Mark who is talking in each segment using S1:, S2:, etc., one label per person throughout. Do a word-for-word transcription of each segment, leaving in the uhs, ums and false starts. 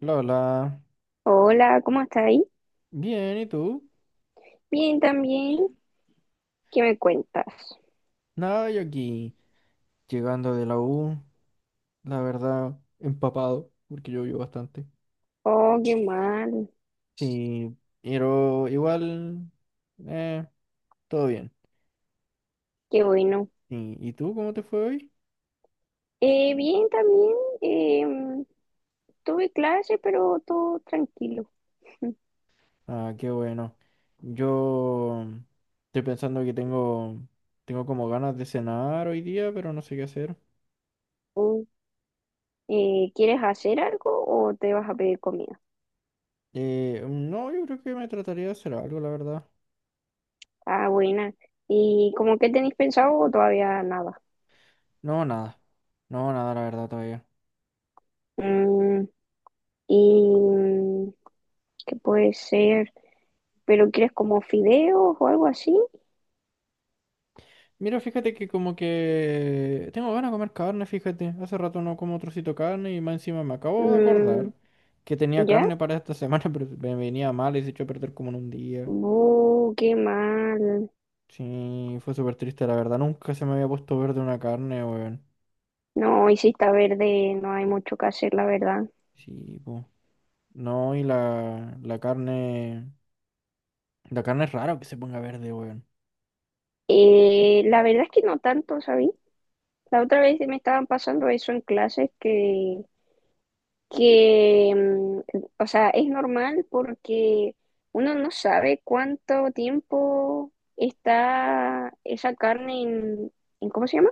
S1: Lola,
S2: Hola, ¿cómo estás ahí?
S1: bien, ¿y tú?
S2: Bien, también. ¿Qué me cuentas?
S1: Nada, yo aquí, llegando de la U, la verdad, empapado, porque llovió bastante.
S2: Oh, qué mal.
S1: Sí, pero igual, eh, todo bien.
S2: Qué bueno.
S1: ¿Y, y tú cómo te fue hoy?
S2: Eh, bien, también. em, Tuve clase, pero todo tranquilo.
S1: Ah, qué bueno. Yo mm, estoy pensando que tengo, tengo como ganas de cenar hoy día, pero no sé qué hacer.
S2: Mm. Eh, ¿quieres hacer algo o te vas a pedir comida?
S1: Eh, no, yo creo que me trataría de hacer algo, la verdad.
S2: Ah, buena. ¿Y cómo qué tenéis pensado o todavía nada?
S1: No, nada. No, nada, la verdad, todavía.
S2: Mm, ¿Y mm, qué puede ser? ¿Pero quieres como fideos o algo así?
S1: Mira, fíjate que como que tengo ganas de comer carne, fíjate. Hace rato no como trocito de carne y más encima me acabo de acordar
S2: Mm,
S1: que tenía
S2: ¿ya?
S1: carne para esta semana, pero me venía mal y se echó a perder como en un día.
S2: Uh, qué mal.
S1: Sí, fue súper triste, la verdad. Nunca se me había puesto verde una carne, weón.
S2: No, hoy si está verde, no hay mucho que hacer, la verdad.
S1: Sí, pues. No, y la, la carne... La carne es raro que se ponga verde, weón.
S2: Eh, la verdad es que no tanto, ¿sabí? La otra vez me estaban pasando eso en clases que, que, mm, o sea, es normal porque uno no sabe cuánto tiempo está esa carne en, en ¿cómo se llama?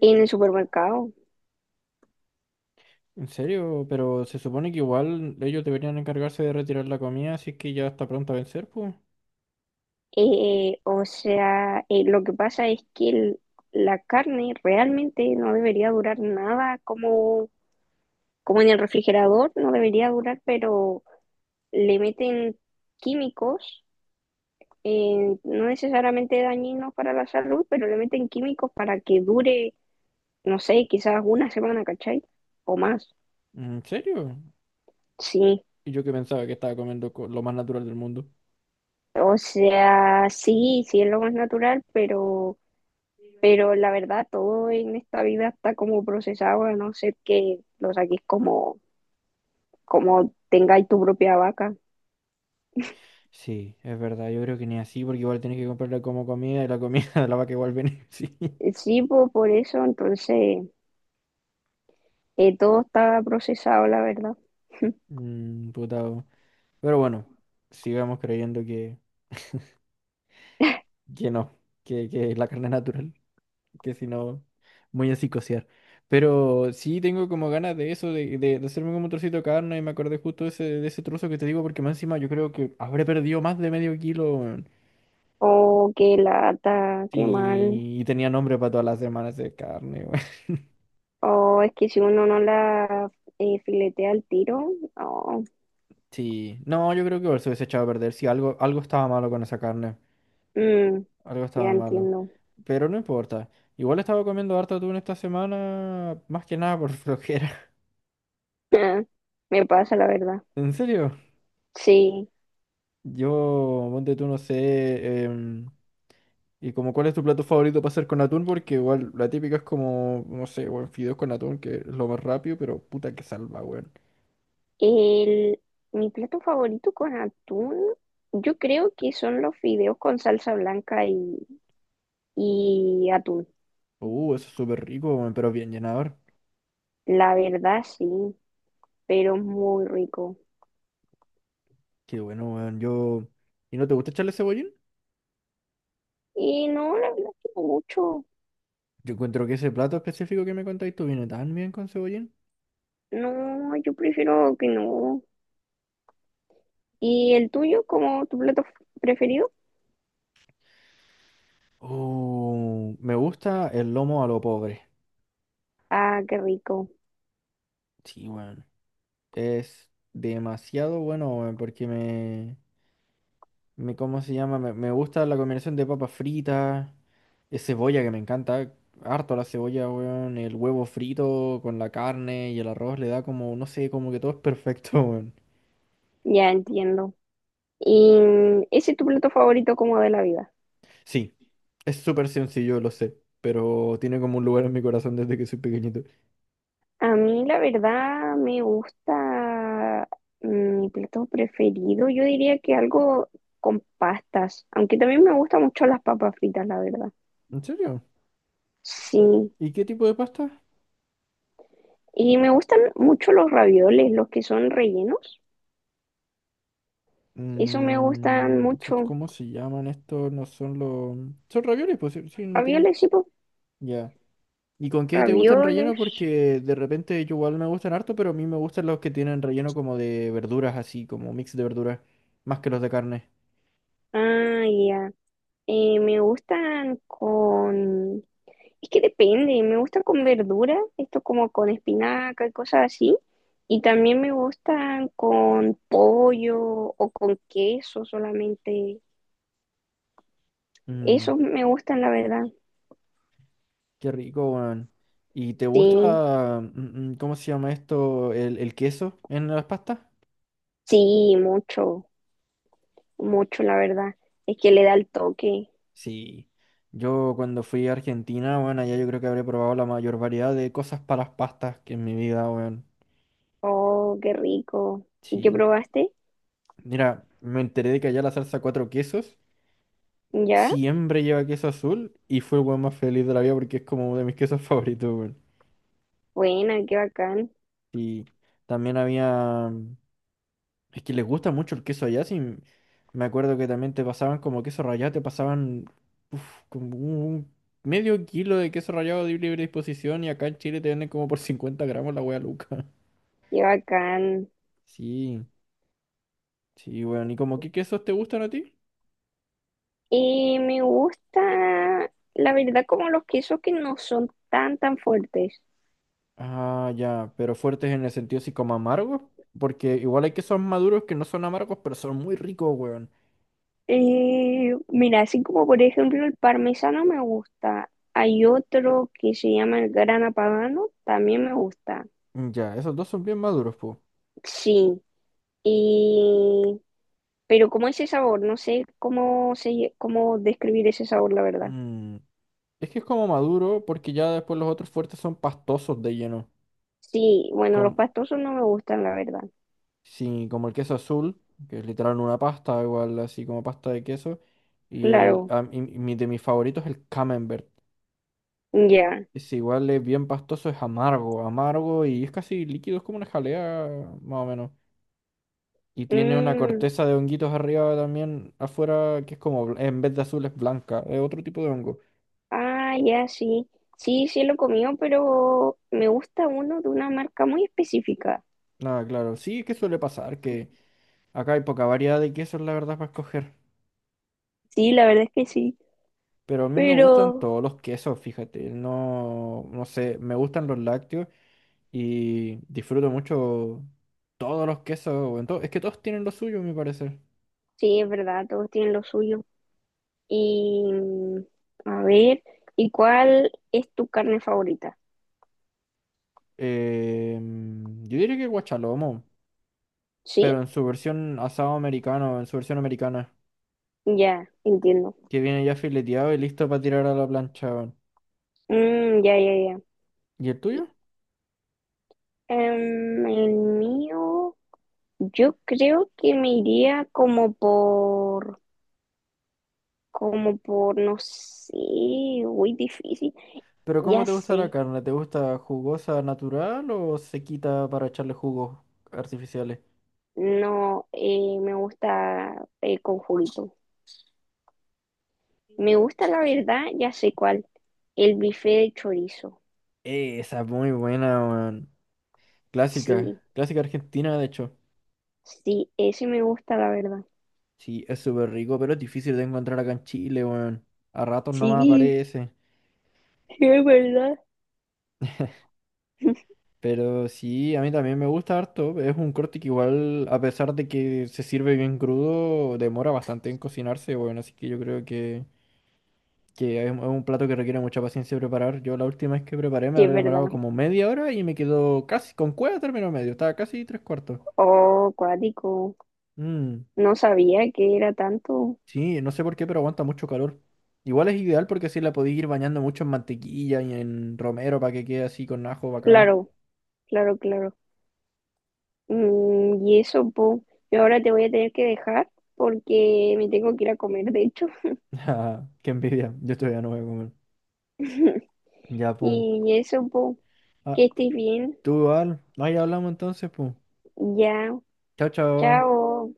S2: En el supermercado.
S1: En serio, pero se supone que igual ellos deberían encargarse de retirar la comida si es que ya está pronta a vencer, pues.
S2: Eh, o sea, eh, lo que pasa es que el- la carne realmente no debería durar nada como como en el refrigerador, no debería durar, pero le meten químicos, eh, no necesariamente dañinos para la salud, pero le meten químicos para que dure, no sé, quizás una semana, ¿cachai? O más,
S1: ¿En serio?
S2: sí.
S1: Y yo que pensaba que estaba comiendo co- lo más natural del mundo.
S2: O sea, sí, sí es lo más natural, pero, pero la verdad todo en esta vida está como procesado, a no ser que lo saques como, como tengáis tu propia vaca.
S1: Sí, es verdad, yo creo que ni así, porque igual tenés que comprarla como comida y la comida de la vaca igual viene sí.
S2: Sí, po, por eso, entonces, eh, todo estaba procesado, la verdad.
S1: Mm, putado. Pero bueno, sigamos creyendo que, que no, que, que la carne es natural, que si no, muy así cociar. Pero sí tengo como ganas de eso, de, de, de hacerme como un trocito de carne y me acordé justo de ese, de ese trozo que te digo, porque más encima yo creo que habré perdido más de medio kilo, weón.
S2: O qué lata, qué mal.
S1: Y, y tenía nombre para todas las semanas de carne.
S2: O es que si uno no la eh, filetea al tiro, no.
S1: Sí, no, yo creo que igual se hubiese echado a perder. Sí, algo, algo estaba malo con esa carne.
S2: Mm,
S1: Algo
S2: ya
S1: estaba malo.
S2: entiendo.
S1: Pero no importa. Igual estaba comiendo harto atún esta semana, más que nada por flojera.
S2: Me pasa, la verdad.
S1: ¿En serio?
S2: Sí.
S1: Yo, ponte tú, no sé. Em, y como, ¿cuál es tu plato favorito para hacer con atún? Porque igual la típica es como, no sé, weón, fideos con atún, que es lo más rápido, pero puta que salva, weón.
S2: El, mi plato favorito con atún, yo creo que son los fideos con salsa blanca y, y atún.
S1: Uh, eso es súper rico, weón, pero bien llenador.
S2: La verdad, sí, pero es muy rico.
S1: Qué bueno, weón. Yo. ¿Y no te gusta echarle cebollín?
S2: Y no, la verdad que no mucho.
S1: Yo encuentro que ese plato específico que me contáis tú viene tan bien con cebollín.
S2: No, yo prefiero que no. ¿Y el tuyo como tu plato f- preferido?
S1: Oh, me gusta el lomo a lo pobre.
S2: Ah, qué rico.
S1: Sí, bueno. Es demasiado bueno, weón, porque me, me, ¿cómo se llama? Me, me gusta la combinación de papas fritas, de cebolla que me encanta, harto la cebolla, weón, el huevo frito con la carne y el arroz le da como, no sé, como que todo es perfecto, weón.
S2: Ya entiendo. ¿Y ese es tu plato favorito como de la vida?
S1: Sí, es súper sencillo, lo sé, pero tiene como un lugar en mi corazón desde que soy pequeñito.
S2: A mí la verdad me gusta mm, mi plato preferido. Yo diría que algo con pastas, aunque también me gustan mucho las papas fritas, la verdad.
S1: ¿En serio?
S2: Sí.
S1: ¿Y qué tipo de pasta?
S2: Y me gustan mucho los ravioles, los que son rellenos. Eso me gustan
S1: Mm, so-
S2: mucho.
S1: ¿cómo se llaman estos? No son los... Son ravioles, pues sí, sí, no tienen otro.
S2: Ravioles, sí, pues.
S1: Ya. ¿Y con qué te gustan relleno?
S2: Ravioles.
S1: Porque de repente yo igual me gustan harto, pero a mí me gustan los que tienen relleno como de verduras, así como mix de verduras, más que los de carne.
S2: Ah, ya. Eh, me gustan con... Es que depende, me gustan con verdura, esto como con espinaca y cosas así. Y también me gustan con pollo o con queso solamente.
S1: Mm,
S2: Esos me gustan, la verdad.
S1: qué rico, weón. ¿Y te
S2: Sí,
S1: gusta, mm, mm, cómo se llama esto, el, el queso en las pastas?
S2: sí, mucho, mucho, la verdad. Es que le da el toque.
S1: Sí, yo cuando fui a Argentina, bueno, allá yo creo que habré probado la mayor variedad de cosas para las pastas que en mi vida, bueno,
S2: Oh, qué rico. ¿Y qué
S1: sí.
S2: probaste?
S1: Mira, me enteré de que allá la salsa cuatro quesos
S2: ¿Ya?
S1: siempre lleva queso azul y fue el weón más feliz de la vida porque es como de mis quesos favoritos, weón.
S2: Buena, qué bacán,
S1: Y también había. Es que les gusta mucho el queso allá, sí. Me acuerdo que también te pasaban como queso rallado, te pasaban uf, como un medio kilo de queso rallado de libre disposición y acá en Chile te venden como por cincuenta gramos la wea Luca.
S2: qué bacán.
S1: Sí, sí, weón. ¿Y como qué quesos te gustan a ti?
S2: Y me gusta, la verdad, como los quesos que no son tan, tan fuertes.
S1: Ah, ya, pero fuertes en el sentido así como amargos, porque igual hay quesos maduros que no son amargos, pero son muy ricos, weón.
S2: Eh, mira, así como por ejemplo el parmesano me gusta. Hay otro que se llama el grana padano, también me gusta.
S1: Mm, ya, esos dos son bien maduros, po.
S2: Sí, y... pero como ese sabor, no sé cómo, se, cómo describir ese sabor, la verdad.
S1: Mm, es que es como maduro porque ya después los otros fuertes son pastosos de lleno.
S2: Sí, bueno, los pastosos no me gustan, la verdad.
S1: Sí, como el queso azul, que es literal una pasta, igual así como pasta de queso. Y el
S2: Claro,
S1: a mí- mi, de mis favoritos es el camembert.
S2: ya.
S1: Es igual, es bien pastoso, es amargo, amargo y es casi líquido, es como una jalea más o menos. Y tiene una
S2: Mm,
S1: corteza de honguitos arriba también, afuera, que es como, bl- en vez de azul es blanca, es otro tipo de hongo.
S2: ah, ya, sí. Sí, sí lo he comido, pero me gusta uno de una marca muy específica.
S1: Nada, claro, sí, es que suele pasar, que acá hay poca variedad de quesos, la verdad, para escoger.
S2: Sí, la verdad es que sí.
S1: Pero a mí me gustan
S2: Pero
S1: todos los quesos, fíjate. No, no sé, me gustan los lácteos y disfruto mucho todos los quesos. O en to- es que todos tienen lo suyo, me parece.
S2: sí, es verdad, todos tienen lo suyo. Y mm, a ver, ¿y cuál es tu carne favorita?
S1: Em, yo diría que guachalomo,
S2: ¿Sí?
S1: pero en su versión asado americano, en su versión americana,
S2: Ya, entiendo.
S1: que viene ya fileteado y listo para tirar a la plancha. Weón.
S2: Mm, ya, ya, ya.
S1: ¿Y el
S2: Y,
S1: tuyo?
S2: em, el mío, yo creo que me iría como por, como por, no sé, muy difícil.
S1: ¿Pero cómo
S2: Ya
S1: te gusta la
S2: sé.
S1: carne? ¿Te gusta jugosa natural o sequita para echarle jugos artificiales?
S2: No, eh, me gusta eh, con juguito. Me gusta, la verdad, ya sé cuál. El bife de chorizo.
S1: Eh, Esa es muy buena.
S2: Sí,
S1: Clásica, clásica argentina, de hecho.
S2: sí, ese me gusta, la verdad.
S1: Sí, es súper rico, pero es difícil de encontrar acá en Chile, weón. A ratos nomás
S2: Sí,
S1: aparece.
S2: sí, es verdad.
S1: Pero sí, a mí también me gusta harto. Es un corte que igual, a pesar de que se sirve bien crudo, demora bastante en cocinarse, weón. Así que yo creo que, que es es un plato que requiere mucha paciencia preparar. Yo la última vez que preparé me
S2: Sí, es
S1: habré
S2: verdad.
S1: demorado como media hora y me quedó casi, con cueva término medio, estaba casi tres cuartos.
S2: Oh, cuático.
S1: Mm.
S2: No sabía que era tanto.
S1: Sí, no sé por qué, pero aguanta mucho calor. Igual es ideal porque así la podéis ir bañando mucho en mantequilla y en romero para que quede así con ajo bacán.
S2: Claro, claro, claro. Mm, y eso, po. Yo ahora te voy a tener que dejar porque me tengo que ir a comer, de hecho.
S1: Ah, qué envidia. Yo todavía no voy a comer. Ya, pum.
S2: Y eso, po.
S1: Ah,
S2: Que estés bien.
S1: tú igual. Ahí hablamos entonces, pum.
S2: Ya.
S1: Chao, chao.
S2: Chao.